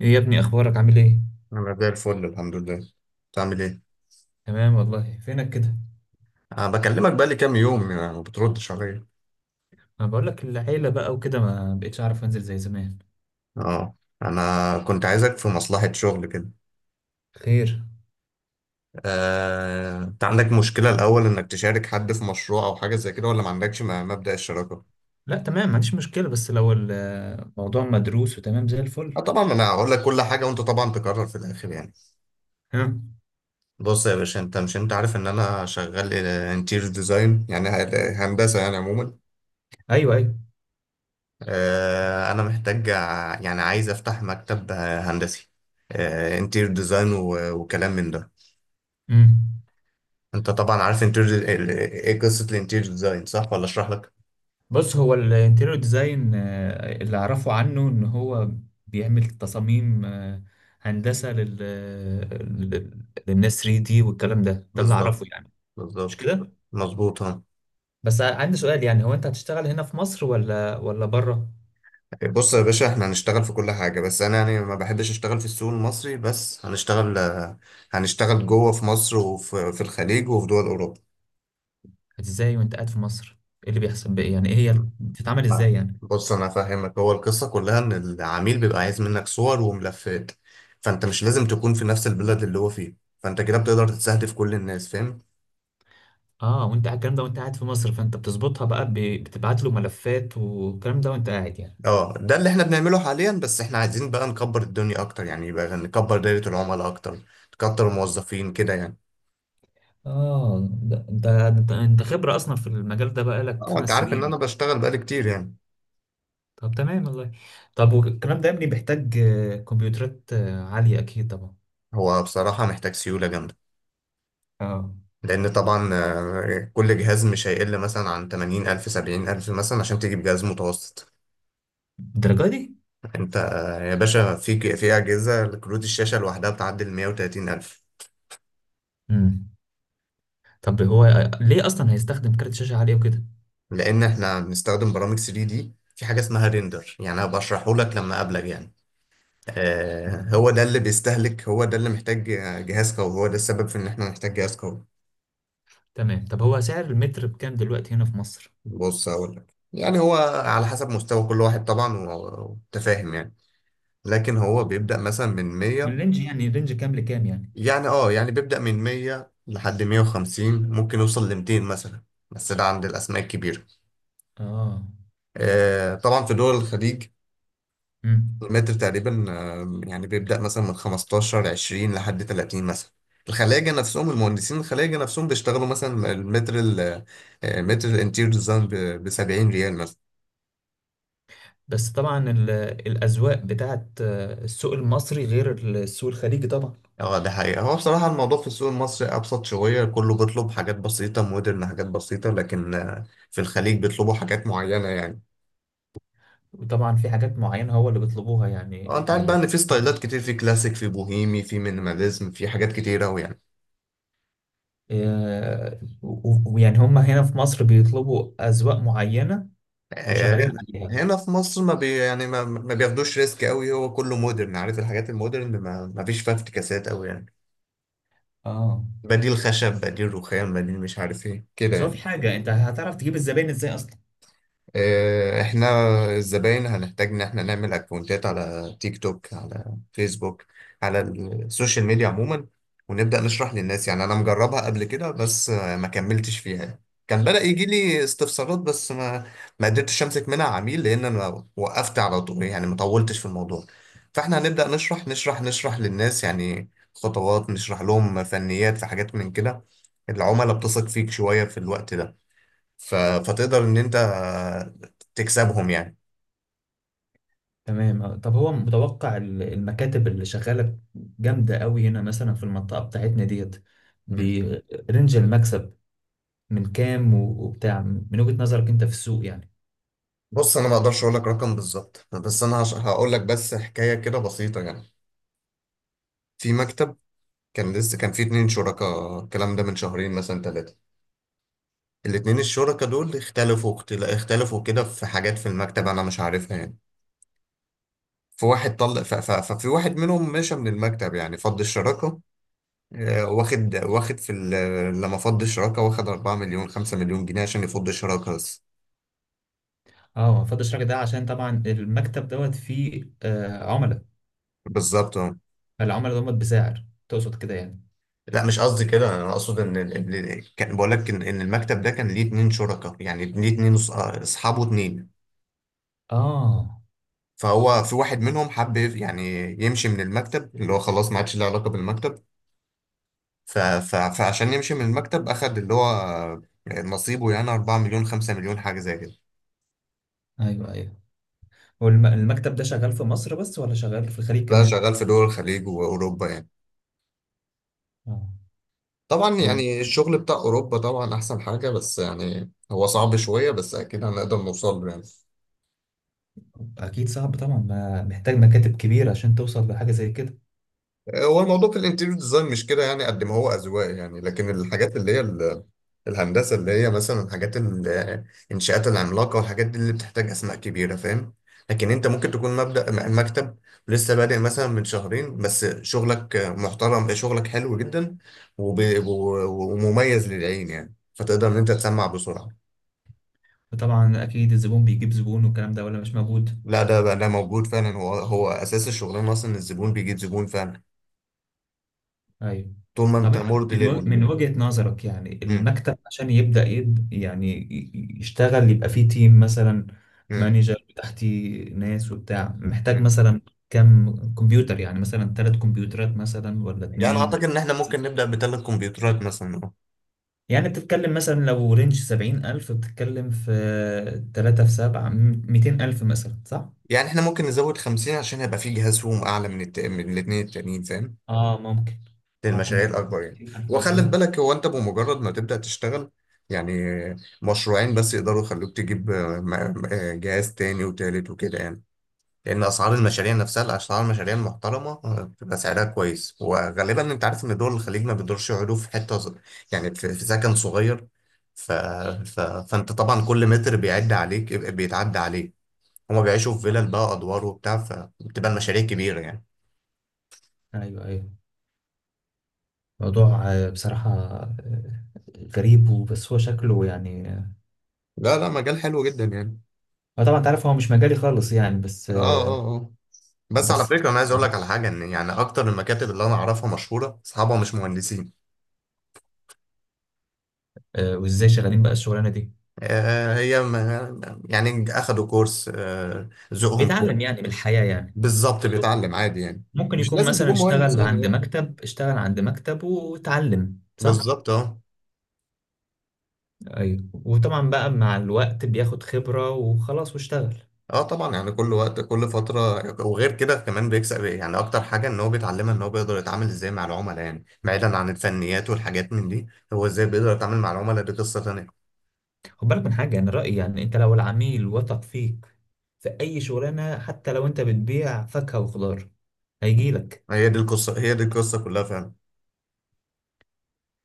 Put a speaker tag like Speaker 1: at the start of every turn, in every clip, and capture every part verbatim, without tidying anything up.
Speaker 1: ايه يا ابني، اخبارك؟ عامل ايه؟
Speaker 2: انا زي الفل، الحمد لله. بتعمل ايه؟
Speaker 1: تمام والله. فينك كده؟
Speaker 2: أه بكلمك بقى لي كام يوم يعني، ما بتردش عليا.
Speaker 1: انا بقول لك، العيله بقى وكده ما بقتش اعرف انزل زي زمان.
Speaker 2: اه، انا كنت عايزك في مصلحة شغل كده.
Speaker 1: خير؟
Speaker 2: أه... انت عندك مشكلة الاول انك تشارك حد في مشروع او حاجة زي كده، ولا ما عندكش م- مبدأ الشراكة؟
Speaker 1: لا، تمام، ما عنديش مشكله، بس لو الموضوع مدروس وتمام زي
Speaker 2: أه
Speaker 1: الفل.
Speaker 2: طبعا، انا هقول لك كل حاجة وانت طبعا تقرر في الاخر يعني.
Speaker 1: ها.
Speaker 2: بص يا باشا، انت مش انت عارف ان انا شغال انتيريور ديزاين يعني ه- هندسة يعني عموما.
Speaker 1: ايوه، ايوه.
Speaker 2: آه، انا محتاج ع- يعني عايز افتح مكتب آه، هندسي، انتير ديزاين، وكلام من ده.
Speaker 1: امم.
Speaker 2: انت طبعا عارف انتير ايه قصة الانتير ديزاين، صح ولا اشرح لك؟
Speaker 1: بص، هو الانتيريور ديزاين اللي اعرفه عنه ان هو بيعمل تصاميم آه، هندسه لل لل- للناس 3 دي، والكلام ده ده اللي اعرفه
Speaker 2: بالظبط،
Speaker 1: يعني. مش
Speaker 2: بالظبط،
Speaker 1: كده؟
Speaker 2: مظبوط. ها،
Speaker 1: بس عندي سؤال، يعني هو انت هتشتغل هنا في مصر ولا ولا بره؟
Speaker 2: بص يا باشا، احنا هنشتغل في كل حاجة، بس انا يعني ما بحبش اشتغل في السوق المصري بس، هنشتغل آه، هنشتغل جوه في مصر وفي في الخليج وفي دول اوروبا.
Speaker 1: ازاي وانت قاعد في مصر؟ ايه اللي بيحصل بقى يعني؟ ايه هي بتتعمل
Speaker 2: لا،
Speaker 1: ازاي يعني؟
Speaker 2: بص انا فاهمك، هو القصه كلها ان العميل بيبقى عايز منك صور وملفات، فانت مش لازم تكون في نفس البلد اللي هو فيه، فانت كده بتقدر تستهدف كل الناس، فاهم؟
Speaker 1: اه، وانت قاعد- الكلام ده وانت قاعد في مصر، فانت بتظبطها بقى، ب- بتبعت له ملفات والكلام ده وانت قاعد يعني.
Speaker 2: اه ده اللي احنا بنعمله حاليا، بس احنا عايزين بقى نكبر الدنيا اكتر يعني، يبقى نكبر دايره العملاء اكتر، نكتر الموظفين كده يعني.
Speaker 1: اه، ده ده انت انت خبرة اصلا في المجال ده بقى لك
Speaker 2: اه، انت
Speaker 1: خمس
Speaker 2: عارف ان انا
Speaker 1: سنين
Speaker 2: بشتغل بقالي كتير يعني.
Speaker 1: طب تمام والله. طب والكلام ده يا ابني بيحتاج آه، كمبيوترات آه، عالية اكيد طبعا.
Speaker 2: هو بصراحه محتاج سيوله جامده،
Speaker 1: اه.
Speaker 2: لان طبعا آه، كل جهاز مش هيقل مثلا عن ثمانين ألف سبعين ألف مثلا عشان تجيب جهاز متوسط.
Speaker 1: الدرجة دي؟
Speaker 2: انت آه، يا باشا، في في اجهزه كروت الشاشه لوحدها بتعدي ال مية وتلاتين الف.
Speaker 1: امم. طب هو آه، ليه اصلا هيستخدم كارت شاشة عالية وكده؟
Speaker 2: لان احنا بنستخدم برامج ثري دي، في حاجه اسمها ريندر يعني، انا بشرحه لك لما اقابلك يعني. آه،
Speaker 1: آه.
Speaker 2: هو ده اللي بيستهلك، هو ده اللي محتاج جهاز قوي، هو ده السبب في ان احنا نحتاج جهاز قوي.
Speaker 1: تمام. طب هو سعر المتر بكام دلوقتي هنا في مصر؟
Speaker 2: بص هقول لك يعني، هو على حسب مستوى كل واحد طبعا، و- وتفاهم يعني. لكن هو بيبدا مثلا من مية،
Speaker 1: الرينج، يعني الرينج كام لكام يعني؟
Speaker 2: يعني اه يعني بيبدا من مية لحد مية وخمسين، ممكن يوصل ل ميتين مثلا، بس ده عند الاسماء الكبيره.
Speaker 1: اه.
Speaker 2: آه، طبعا في دول الخليج،
Speaker 1: مم.
Speaker 2: المتر تقريبا آه، يعني بيبدأ مثلا من خمستاشر عشرين لحد تلاتين مثلا. الخلاجة نفسهم، المهندسين الخلاجة نفسهم، بيشتغلوا مثلا المتر ال- آه، متر الانتير ديزاين ب سبعين ريال مثلا.
Speaker 1: بس طبعا ال- الاذواق بتاعت آه، السوق المصري غير السوق الخليجي طبعا.
Speaker 2: اه ده حقيقة، هو بصراحة الموضوع في السوق المصري أبسط شوية، كله بيطلب حاجات بسيطة مودرن، حاجات بسيطة، لكن آه، في الخليج بيطلبوا حاجات معينة يعني.
Speaker 1: وطبعا في حاجات معينه هو اللي بيطلبوها، يعني
Speaker 2: اه انت عارف بقى
Speaker 1: ال-
Speaker 2: ان في ستايلات كتير، في كلاسيك، في بوهيمي، في مينيماليزم، في حاجات كتير أوي يعني.
Speaker 1: آه، و- ويعني هم هنا في مصر بيطلبوا اذواق معينه وشغالين
Speaker 2: آه،
Speaker 1: عليها.
Speaker 2: هنا في مصر ما بي يعني ما, ما بياخدوش ريسك قوي، هو كله مودرن، عارف الحاجات المودرن ما, ما فيش فيها افتكاسات قوي يعني،
Speaker 1: اه.
Speaker 2: بديل خشب، بديل رخام، بديل مش عارف ايه كده
Speaker 1: بس هو
Speaker 2: يعني.
Speaker 1: في حاجه، انت هتعرف تجيب الزباين ازاي اصلا؟
Speaker 2: آه، احنا الزباين هنحتاج ان احنا نعمل اكونتات على تيك توك، على فيسبوك، على السوشيال ميديا عموما، ونبدأ نشرح للناس يعني. انا مجربها قبل كده، بس آه، ما كملتش فيها. كان بدأ يجي لي استفسارات، بس ما ما قدرتش امسك منها عميل لان انا وقفت على طول يعني، ما طولتش في الموضوع. فاحنا هنبدأ نشرح نشرح نشرح للناس يعني، خطوات نشرح لهم فنيات في حاجات من كده. العملاء بتثق فيك شوية في الوقت ده، ف... فتقدر ان انت تكسبهم يعني.
Speaker 1: تمام. آه، طب هو متوقع ال- المكاتب اللي شغاله جامده قوي هنا مثلا في المنطقه بتاعتنا ديت،
Speaker 2: مم.
Speaker 1: برنج المكسب من كام و- وبتاع، من وجهة نظرك انت في السوق يعني؟
Speaker 2: بص انا ما اقدرش اقول لك رقم بالظبط، بس انا هش... هقول لك بس حكايه كده بسيطه يعني. في مكتب كان لسه، كان في اتنين شركاء، الكلام ده من شهرين مثلا ثلاثه. الاتنين الشركاء دول اختلفوا اختل... اختلفوا كده في حاجات في المكتب انا مش عارفها يعني. في واحد طلق ف... ف... ففي واحد منهم مشى من المكتب يعني، فض الشراكه. آه، واخد واخد في ال... لما فض الشراكه واخد اربعة مليون خمسة مليون جنيه عشان يفض الشراكه بس.
Speaker 1: اه، ما فضلش الراجل ده عشان طبعا المكتب دوت فيه آه عملاء.
Speaker 2: بالظبط.
Speaker 1: العملاء دول بسعر تقصد كده يعني؟
Speaker 2: لا مش قصدي كده، انا اقصد ان ال- ال- كان بقول لك ان إن المكتب ده كان ليه اتنين شركاء يعني، ليه اتنين أص- اصحابه اتنين.
Speaker 1: اه،
Speaker 2: فهو في واحد منهم حب يف- يعني يمشي من المكتب، اللي هو خلاص ما عادش له علاقه بالمكتب، ف... ف... فعشان يمشي من المكتب اخد اللي هو نصيبه يعني، اربعة مليون خمسة مليون حاجه زي كده.
Speaker 1: ايوه ايوه. والمكتب ده شغال في مصر بس ولا شغال في الخليج
Speaker 2: لا،
Speaker 1: كمان؟
Speaker 2: شغال في دول الخليج واوروبا يعني.
Speaker 1: اه.
Speaker 2: طبعا
Speaker 1: وال-
Speaker 2: يعني الشغل بتاع اوروبا طبعا احسن حاجه، بس يعني هو صعب شويه، بس اكيد هنقدر نوصل له يعني.
Speaker 1: اكيد صعب طبعا، ما محتاج مكاتب كبيرة عشان توصل لحاجة زي كده.
Speaker 2: هو الموضوع في الانتيريور ديزاين مش كده يعني، قد ما هو اذواق يعني. لكن الحاجات اللي هي ال- الهندسه اللي هي مثلا حاجات ال- الانشاءات العملاقه والحاجات دي، اللي بتحتاج اسماء كبيره، فاهم؟ لكن انت ممكن تكون مبدأ م- مكتب لسه بادئ مثلا من شهرين، بس شغلك محترم، شغلك حلو جدا، وب- و- ومميز للعين يعني، فتقدر ان انت تسمع بسرعه.
Speaker 1: وطبعا اكيد الزبون بيجيب زبون والكلام ده، ولا مش موجود؟
Speaker 2: لا ده بقى، ده موجود فعلا، هو هو اساس الشغلانه اصلا، الزبون بيجيب زبون فعلا،
Speaker 1: ايوه.
Speaker 2: طول ما
Speaker 1: طب
Speaker 2: انت
Speaker 1: انت،
Speaker 2: مرضي
Speaker 1: من و- من
Speaker 2: لل.
Speaker 1: وجهة نظرك يعني
Speaker 2: مم.
Speaker 1: المكتب عشان يبدأ يد يعني ي- يشتغل، يبقى فيه تيم مثلا،
Speaker 2: مم.
Speaker 1: مانجر تحتي ناس وبتاع، محتاج مثلا كم كمبيوتر؟ يعني مثلا ثلاث كمبيوترات مثلا ولا
Speaker 2: يعني
Speaker 1: اتنين
Speaker 2: اعتقد
Speaker 1: ولا؟
Speaker 2: ان احنا ممكن نبدا بثلاث كمبيوترات مثلا، اه.
Speaker 1: يعني بتتكلم مثلا لو رينج سبعين ألف، بتتكلم في تلاتة في سبعة، ميتين ألف مثلا، صح؟
Speaker 2: يعني احنا ممكن نزود خمسين، عشان هيبقى في جهاز فيهم اعلى من الت... من الاثنين التانيين، فاهم؟
Speaker 1: اه، ممكن. ممكن
Speaker 2: للمشاريع الاكبر يعني.
Speaker 1: ميتين ألف
Speaker 2: وخلي في
Speaker 1: مثلا.
Speaker 2: بالك، هو انت بمجرد ما تبدا تشتغل يعني، مشروعين بس يقدروا يخلوك تجيب آه، م- آه، جهاز تاني وتالت وكده يعني. لان اسعار المشاريع نفسها، اسعار المشاريع المحترمه آه، بتبقى سعرها كويس. وغالبا انت عارف ان دول الخليج ما بيدورش يقعدوا في حته ص- يعني في في سكن صغير، ف... ف... فانت طبعا كل متر بيعد عليك، بيتعدى عليك. هما بيعيشوا في
Speaker 1: آه.
Speaker 2: فيلل بقى، ادوار وبتاع، فبتبقى المشاريع كبيره يعني.
Speaker 1: أيوه أيوه. موضوع آه، بصراحة آه، غريب، وبس هو شكله يعني.
Speaker 2: لا لا، مجال حلو جدا يعني.
Speaker 1: آه، طبعا انت عارف هو مش مجالي خالص، يعني بس
Speaker 2: اه اه
Speaker 1: آه،
Speaker 2: اه، بس على
Speaker 1: بس
Speaker 2: فكره، انا عايز اقول
Speaker 1: بصراحة،
Speaker 2: لك على حاجه، ان يعني اكتر المكاتب اللي انا اعرفها مشهوره، اصحابها مش مهندسين.
Speaker 1: آه، وازاي شغالين بقى الشغلانة دي؟
Speaker 2: آه هي م- يعني اخدوا كورس، آه ذوقهم.
Speaker 1: بيتعلم يعني من الحياة يعني.
Speaker 2: بالظبط، بيتعلم عادي يعني،
Speaker 1: ممكن
Speaker 2: مش
Speaker 1: يكون
Speaker 2: لازم
Speaker 1: مثلا
Speaker 2: تكون مهندس
Speaker 1: اشتغل
Speaker 2: يعني،
Speaker 1: عند
Speaker 2: اه.
Speaker 1: مكتب، اشتغل عند مكتب، واتعلم، صح؟
Speaker 2: بالظبط، اه.
Speaker 1: ايوه. وطبعا بقى مع الوقت بياخد خبرة وخلاص واشتغل.
Speaker 2: اه طبعا يعني، كل وقت كل فترة. وغير كده كمان بيكسب ايه يعني، أكتر حاجة إن هو بيتعلمها إن هو بيقدر يتعامل إزاي مع العملاء يعني، بعيدا عن الفنيات والحاجات من دي. هو إزاي بيقدر يتعامل مع العملاء، دي قصة تانية.
Speaker 1: خد بالك من حاجة، يعني رأيي، يعني انت لو العميل وثق فيك في اي شغلانة حتى لو انت بتبيع فاكهة وخضار، هيجيلك.
Speaker 2: هي دي القصة هي دي القصة كلها فعلا.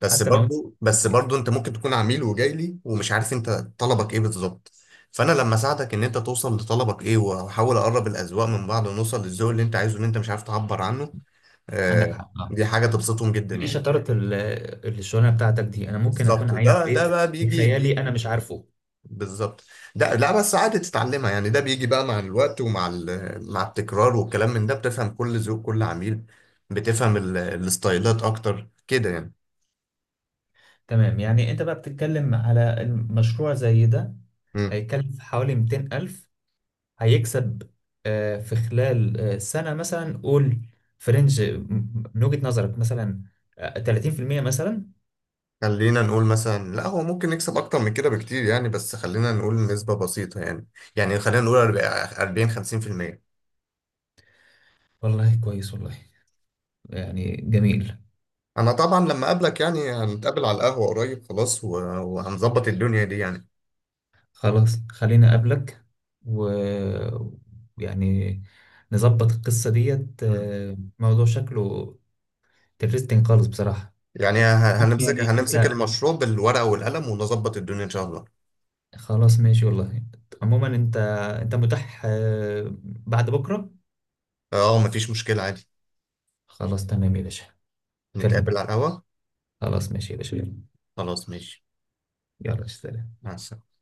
Speaker 2: بس
Speaker 1: حتى لو انت.
Speaker 2: برضو بس برضو أنت ممكن تكون عميل وجاي لي ومش عارف أنت طلبك إيه بالظبط، فأنا لما أساعدك إن أنت توصل لطلبك إيه، وأحاول أقرب الأذواق من بعض، ونوصل للذوق اللي أنت عايزه، اللي أنت مش عارف تعبر عنه،
Speaker 1: عندك
Speaker 2: آه،
Speaker 1: حق، اه.
Speaker 2: دي حاجة تبسطهم جدا
Speaker 1: دي
Speaker 2: يعني.
Speaker 1: شطاره ال- الشغلانه بتاعتك دي. انا ممكن اكون
Speaker 2: بالظبط،
Speaker 1: عايز
Speaker 2: ده ده
Speaker 1: بيت
Speaker 2: بقى بيجي
Speaker 1: بخيالي
Speaker 2: بيجي
Speaker 1: انا مش عارفه.
Speaker 2: بالظبط. ده لا بس عادي تتعلمها يعني، ده بيجي بقى مع الوقت، ومع ال- مع التكرار والكلام من ده، بتفهم كل ذوق كل عميل، بتفهم ال- الستايلات اكتر كده يعني.
Speaker 1: تمام. يعني انت بقى بتتكلم على المشروع زي ده،
Speaker 2: مم.
Speaker 1: هيكلف حوالي 200 ألف، هيكسب آه، في خلال آه، سنة مثلا، قول فرنج من وجهة نظرك مثلا آه، تلاتين في المية مثلا.
Speaker 2: خلينا نقول مثلا، لا هو ممكن يكسب اكتر من كده بكتير يعني، بس خلينا نقول نسبة بسيطة يعني، يعني خلينا نقول اربعين خمسين في المية.
Speaker 1: والله كويس والله. يعني جميل.
Speaker 2: انا طبعا لما اقابلك يعني، هنتقابل على القهوة قريب خلاص، و- وهنظبط الدنيا دي يعني.
Speaker 1: خلاص، خليني أقابلك و، يعني، نظبط القصة ديت.
Speaker 2: مم.
Speaker 1: آه، موضوع شكله ترستنج خالص بصراحة.
Speaker 2: يعني ه- هنمسك
Speaker 1: يعني
Speaker 2: هنمسك
Speaker 1: انت.
Speaker 2: المشروع بالورقة والقلم، ونظبط الدنيا إن شاء الله.
Speaker 1: خلاص ماشي والله. عموما، انت انت متاح آه، بعد بكرة؟
Speaker 2: اه مفيش مشكلة عادي،
Speaker 1: خلاص تمام يا باشا.
Speaker 2: نتقابل على
Speaker 1: أكلمك.
Speaker 2: القهوة.
Speaker 1: خلاص ماشي يا باشا، يلا.
Speaker 2: خلاص ماشي،
Speaker 1: يلا، سلام.
Speaker 2: مع السلامة.